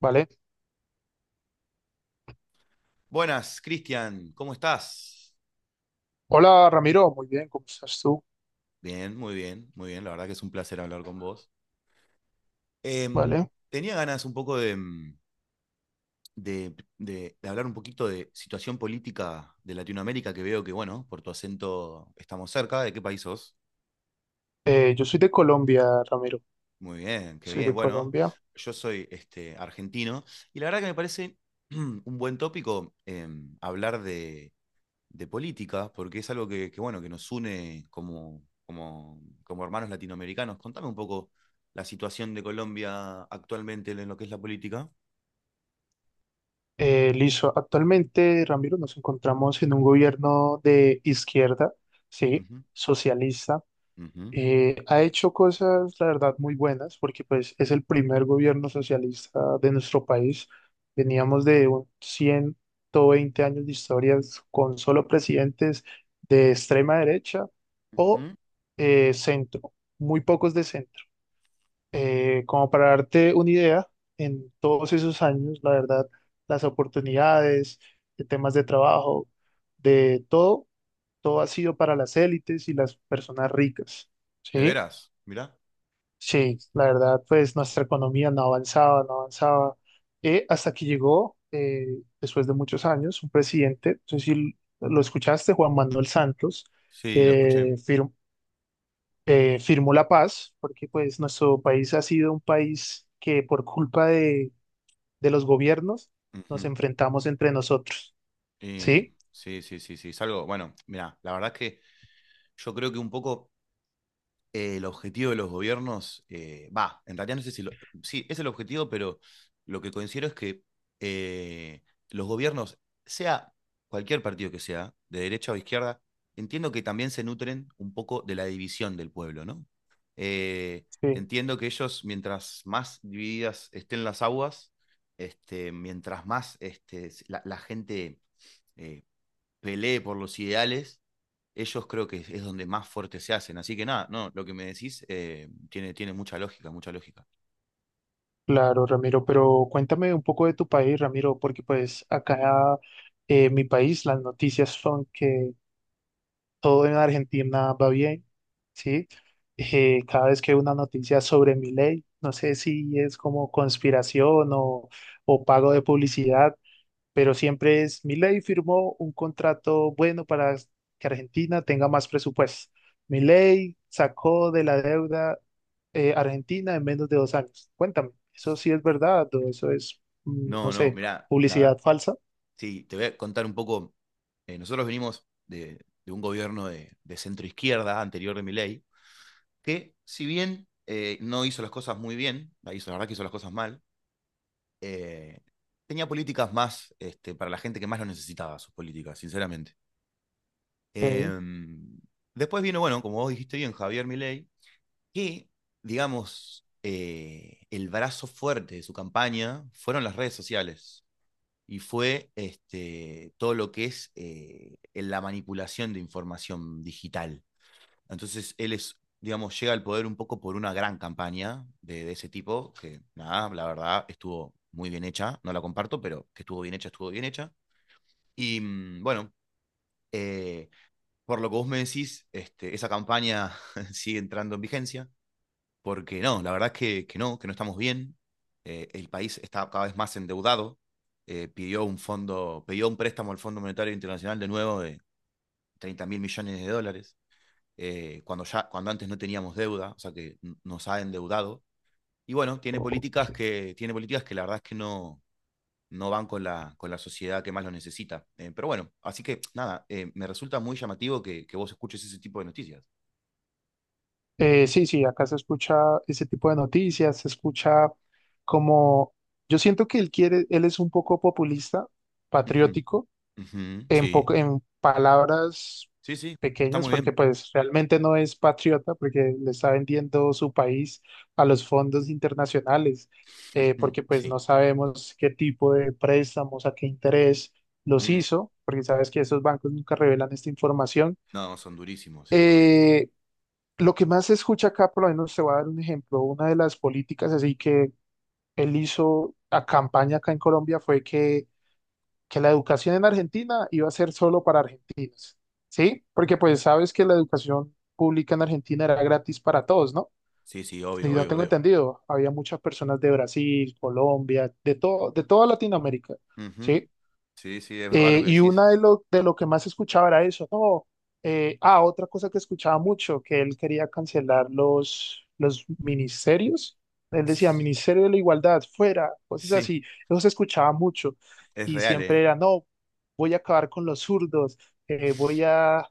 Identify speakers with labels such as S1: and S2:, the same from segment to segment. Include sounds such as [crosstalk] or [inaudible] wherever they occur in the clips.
S1: Vale.
S2: Buenas, Cristian, ¿cómo estás?
S1: Hola Ramiro, muy bien, ¿cómo estás tú?
S2: Bien, muy bien, muy bien. La verdad que es un placer hablar con vos. Em,
S1: Vale.
S2: tenía ganas un poco de hablar un poquito de situación política de Latinoamérica, que veo que, bueno, por tu acento estamos cerca. ¿De qué país sos?
S1: Yo soy de Colombia, Ramiro,
S2: Muy bien, qué
S1: soy
S2: bien.
S1: de
S2: Bueno,
S1: Colombia.
S2: yo soy argentino y la verdad que me parece [clears throat] un buen tópico hablar de política, porque es algo que, bueno, que nos une como hermanos latinoamericanos. Contame un poco la situación de Colombia actualmente en lo que es la política.
S1: Listo, actualmente, Ramiro, nos encontramos en un gobierno de izquierda, sí,
S2: Ujú,
S1: socialista.
S2: ujú,
S1: Ha hecho cosas, la verdad, muy buenas, porque pues es el primer gobierno socialista de nuestro país. Veníamos de un 120 años de historias con solo presidentes de extrema derecha o
S2: ujú.
S1: centro, muy pocos de centro. Como para darte una idea, en todos esos años, la verdad, las oportunidades, de temas de trabajo, de todo, todo ha sido para las élites y las personas ricas,
S2: ¿De
S1: ¿sí?
S2: veras? Mirá.
S1: Sí, la verdad, pues nuestra economía no avanzaba, no avanzaba, hasta que llegó, después de muchos años, un presidente, no sé si lo escuchaste, Juan Manuel Santos,
S2: Sí, lo escuché.
S1: que firmó la paz, porque pues nuestro país ha sido un país que por culpa de los gobiernos nos
S2: Ujú.
S1: enfrentamos entre nosotros,
S2: Y
S1: ¿sí?
S2: sí, sí, sí, sí. Es algo, bueno, mira la verdad es que yo creo que un poco el objetivo de los gobiernos, va, en realidad no sé si, sí, es el objetivo, pero lo que considero es que eh, los gobiernos, sea cualquier partido que sea, de derecha o izquierda, entiendo que también se nutren un poco de la división del pueblo, ¿no? Eh,
S1: Sí,
S2: entiendo que ellos, mientras más divididas estén las aguas, mientras más la gente eh, pelee por los ideales, ellos creo que es donde más fuertes se hacen. Así que nada, no, lo que me decís tiene mucha lógica, mucha lógica.
S1: claro, Ramiro, pero cuéntame un poco de tu país, Ramiro, porque pues acá... En mi país, las noticias son que todo en Argentina va bien, ¿sí? Cada vez que hay una noticia sobre mi ley, no sé si es como conspiración o pago de publicidad, pero siempre es mi ley firmó un contrato bueno para que Argentina tenga más presupuesto. Mi ley sacó de la deuda Argentina en menos de 2 años. Cuéntame, ¿eso sí es verdad o eso es, no
S2: No, no,
S1: sé,
S2: mirá, la verdad,
S1: publicidad falsa?
S2: sí, te voy a contar un poco. Nosotros venimos de un gobierno de centro izquierda anterior de Milei, que si bien no hizo las cosas muy bien, la hizo, la verdad que hizo las cosas mal, eh, tenía políticas más para la gente que más lo necesitaba, sus políticas, sinceramente.
S1: Ok.
S2: Em, Después vino, bueno, como vos dijiste bien, Javier Milei, que, digamos, el brazo fuerte de su campaña fueron las redes sociales y fue todo lo que es la manipulación de información digital. Entonces, él es, digamos, llega al poder un poco por una gran campaña de ese tipo, que nada, la verdad, estuvo muy bien hecha, no la comparto, pero que estuvo bien hecha, estuvo bien hecha. Y bueno, eh, por lo que vos me decís, esa campaña [laughs] sigue entrando en vigencia porque no, la verdad es que no estamos bien. El país está cada vez más endeudado. Pidió un fondo, pidió un préstamo al Fondo Monetario Internacional de nuevo de 30.000 millones de dólares, cuando, ya, cuando antes no teníamos deuda, o sea que nos ha endeudado. Y bueno,
S1: Ok,
S2: tiene políticas que la verdad es que no, no van con la sociedad que más lo necesita. Pero bueno, así que nada, me resulta muy llamativo que vos escuches ese tipo de noticias.
S1: Sí, sí, acá se escucha ese tipo de noticias, se escucha como, yo siento que él quiere, él es un poco populista,
S2: Ujú,
S1: patriótico,
S2: ujú,
S1: en
S2: sí,
S1: poco, en palabras
S2: sí, sí, está
S1: pequeñas,
S2: muy bien.
S1: porque pues realmente no es patriota, porque le está vendiendo su país a los fondos internacionales,
S2: [laughs]
S1: porque pues no
S2: Sí.
S1: sabemos qué tipo de préstamos, a qué interés los
S2: Mm,
S1: hizo, porque sabes que esos bancos nunca revelan esta información.
S2: no, son durísimos, sí, obvio.
S1: Eh, lo que más se escucha acá, por lo menos te voy a dar un ejemplo, una de las políticas así que él hizo a campaña acá en Colombia fue que la educación en Argentina iba a ser solo para argentinos, ¿sí? Porque pues sabes que la educación pública en Argentina era gratis para todos, ¿no?
S2: Sí, sí,
S1: Y
S2: obvio,
S1: no
S2: obvio,
S1: tengo
S2: obvio.
S1: entendido, había muchas personas de Brasil, Colombia, de todo, de toda Latinoamérica,
S2: Ujú.
S1: ¿sí?
S2: Sí, sí, es verdad lo que
S1: Y
S2: decís.
S1: una de lo que más escuchaba era eso, no, ah, otra cosa que escuchaba mucho, que él quería cancelar los ministerios, él decía, Ministerio de la Igualdad, fuera, cosas
S2: Sí,
S1: así, eso se escuchaba mucho,
S2: es
S1: y
S2: real,
S1: siempre
S2: ¿eh?
S1: era, no, voy a acabar con los zurdos, voy a,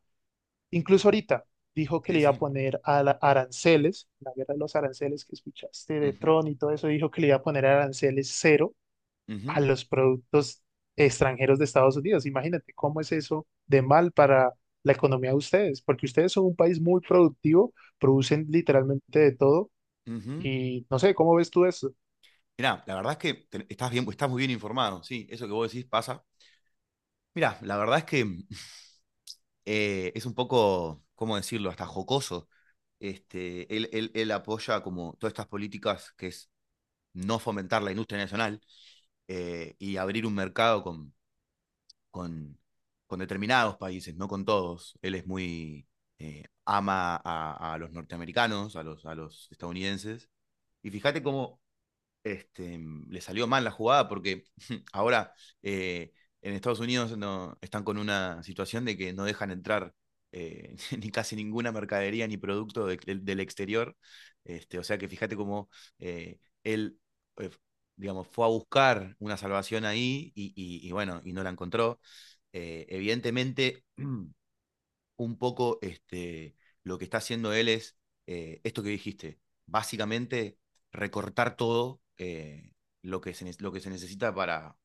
S1: incluso ahorita, dijo que le
S2: Sí,
S1: iba a
S2: sí.
S1: poner a aranceles, la guerra de los aranceles que escuchaste de
S2: Ujú,
S1: Tron y todo eso, dijo que le iba a poner aranceles cero a
S2: ujú,
S1: los productos extranjeros de Estados Unidos. Imagínate cómo es eso de mal para la economía de ustedes, porque ustedes son un país muy productivo, producen literalmente de todo
S2: ujú.
S1: y no sé, ¿cómo ves tú eso?
S2: Mirá, la verdad es que estás bien, estás muy bien informado, sí, eso que vos decís pasa. Mirá, la verdad es que [laughs] es un poco, ¿cómo decirlo?, hasta jocoso. Él apoya como todas estas políticas que es no fomentar la industria nacional y abrir un mercado con, con determinados países, no con todos. Él es muy, ama a los norteamericanos, a los estadounidenses. Y fíjate cómo le salió mal la jugada porque [laughs] ahora eh, en Estados Unidos no, están con una situación de que no dejan entrar [laughs] ni casi ninguna mercadería ni producto del exterior. O sea que fíjate cómo eh, él, eh, digamos, fue a buscar una salvación ahí y bueno, y no la encontró. Evidentemente, [clears throat] un poco lo que está haciendo él es esto que dijiste, básicamente recortar todo lo que se necesita para,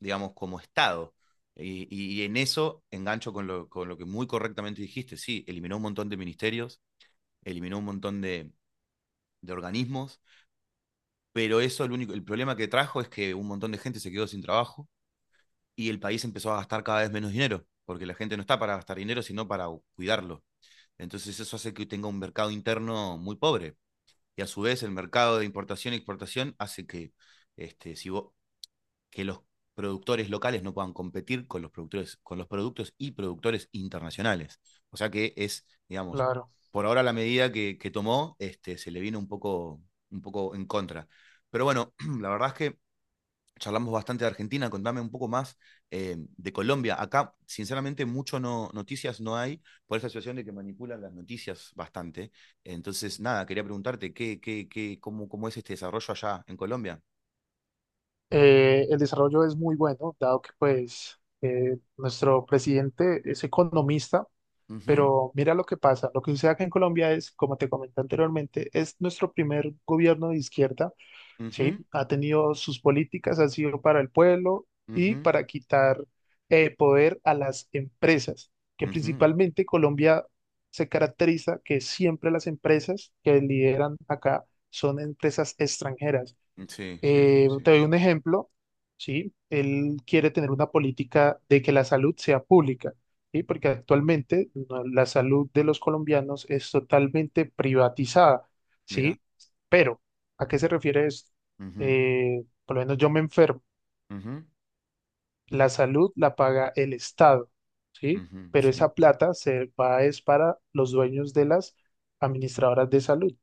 S2: digamos, como Estado. Y en eso engancho con lo que muy correctamente dijiste, sí, eliminó un montón de ministerios, eliminó un montón de organismos, pero eso el problema que trajo es que un montón de gente se quedó sin trabajo y el país empezó a gastar cada vez menos dinero, porque la gente no está para gastar dinero, sino para cuidarlo. Entonces eso hace que tenga un mercado interno muy pobre. Y a su vez el mercado de importación y exportación hace que, este, si vos- que los productores locales no puedan competir con los productores, con los productos y productores internacionales. O sea que es, digamos,
S1: Claro.
S2: por ahora la medida que tomó, se le vino un poco en contra. Pero bueno, [clears throat] la verdad es que charlamos bastante de Argentina, contame un poco más de Colombia. Acá, sinceramente, mucho no, noticias no hay por esa situación de que manipulan las noticias bastante. Entonces, nada, quería preguntarte qué, cómo es este desarrollo allá en Colombia.
S1: El desarrollo es muy bueno, dado que pues nuestro presidente es economista,
S2: Ujú,
S1: pero mira lo que pasa. Lo que sucede acá en Colombia es, como te comenté anteriormente, es nuestro primer gobierno de izquierda, ¿sí?
S2: ujú,
S1: Ha tenido sus políticas, ha sido para el pueblo y
S2: ujú,
S1: para quitar poder a las empresas, que
S2: ujú.
S1: principalmente Colombia se caracteriza que siempre las empresas que lideran acá son empresas extranjeras.
S2: Sí, sí, sí, sí.
S1: Te doy un ejemplo, ¿sí? Él quiere tener una política de que la salud sea pública, ¿sí? Porque actualmente no, la salud de los colombianos es totalmente privatizada,
S2: Mira.
S1: ¿sí? Pero, ¿a qué se refiere esto?
S2: Ujú,
S1: Por lo menos yo me enfermo,
S2: ujú,
S1: la salud la paga el Estado, ¿sí?
S2: ujú,
S1: Pero
S2: sí.
S1: esa plata se va es para los dueños de las administradoras de salud,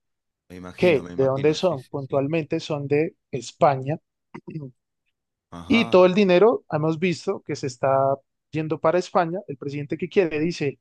S2: Me imagino,
S1: que
S2: me
S1: ¿de dónde
S2: imagino. Sí,
S1: son?
S2: sí, sí.
S1: Puntualmente son de España. [clears throat] Y
S2: Ajá,
S1: todo el dinero, hemos visto que se está yendo para España. El presidente que quiere dice,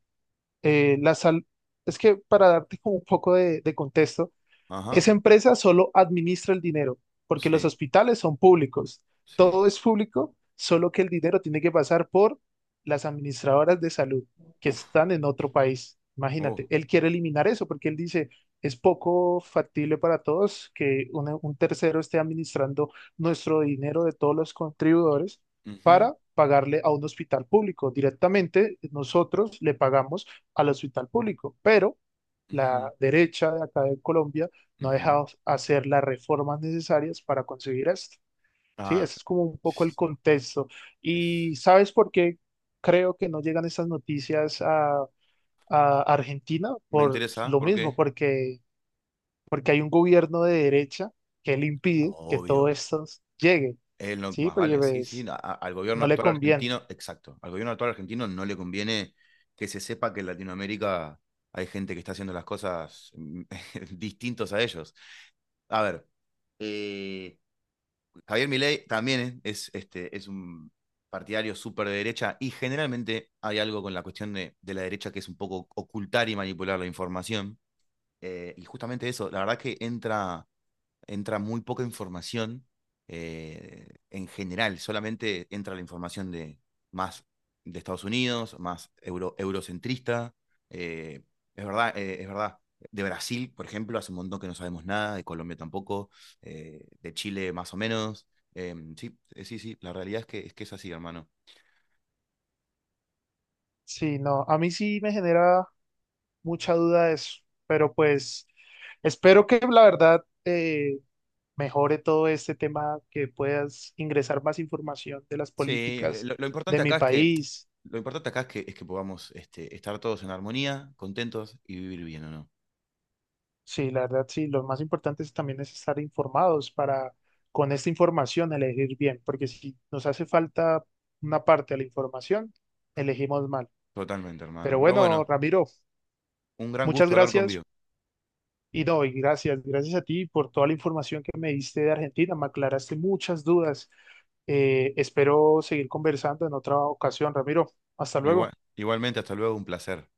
S1: la sal... es que para darte como un poco de contexto,
S2: ajá.
S1: esa empresa solo administra el dinero, porque los
S2: Sí,
S1: hospitales son públicos.
S2: sí.
S1: Todo es público, solo que el dinero tiene que pasar por las administradoras de salud que
S2: Uf,
S1: están en otro país.
S2: oh.
S1: Imagínate, él quiere eliminar eso porque él dice, es poco factible para todos que un tercero esté administrando nuestro dinero de todos los contribuidores
S2: Ujú,
S1: para pagarle a un hospital público. Directamente nosotros le pagamos al hospital público, pero la
S2: ujú,
S1: derecha de acá de Colombia no ha
S2: ujú.
S1: dejado hacer las reformas necesarias para conseguir esto. Sí,
S2: Ah.
S1: ese es como un poco el contexto. ¿Y
S2: Es-
S1: sabes por qué creo que no llegan estas noticias a Argentina?
S2: Me
S1: Por
S2: interesa,
S1: lo
S2: ¿por
S1: mismo,
S2: qué?
S1: porque, porque hay un gobierno de derecha que le impide que
S2: Obvio.
S1: todo esto llegue,
S2: Es lo que
S1: ¿sí?
S2: más
S1: Porque
S2: vale, sí, sí.
S1: pues,
S2: Al gobierno
S1: no le
S2: actual
S1: conviene.
S2: argentino, exacto. Al gobierno actual argentino no le conviene que se sepa que en Latinoamérica hay gente que está haciendo las cosas [laughs] distintos a ellos. A ver, eh, Javier Milei también es un partidario súper de derecha y generalmente hay algo con la cuestión de la derecha que es un poco ocultar y manipular la información. Y justamente eso, la verdad que entra muy poca información en general, solamente entra la información de más de Estados Unidos, más euro, eurocentrista. eh, es verdad, es verdad. De Brasil, por ejemplo, hace un montón que no sabemos nada, de Colombia tampoco, de Chile más o menos. Sí, sí, sí, la realidad es que es así, hermano.
S1: Sí, no, a mí sí me genera mucha duda eso, pero pues espero que la verdad... mejore todo este tema, que puedas ingresar más información de las
S2: Sí,
S1: políticas
S2: lo
S1: de
S2: importante
S1: mi
S2: acá es que
S1: país.
S2: lo importante acá es que podamos estar todos en armonía, contentos y vivir bien, ¿o no?
S1: Sí, la verdad, sí, lo más importante es también es estar informados para con esta información elegir bien, porque si nos hace falta una parte de la información, elegimos mal.
S2: Totalmente,
S1: Pero
S2: hermano. Pero
S1: bueno,
S2: bueno,
S1: Ramiro,
S2: un gran
S1: muchas
S2: gusto hablar con Vivo.
S1: gracias. Y no, y gracias, gracias a ti por toda la información que me diste de Argentina, me aclaraste muchas dudas. Espero seguir conversando en otra ocasión, Ramiro. Hasta
S2: Igual,
S1: luego.
S2: igualmente, hasta luego, un placer.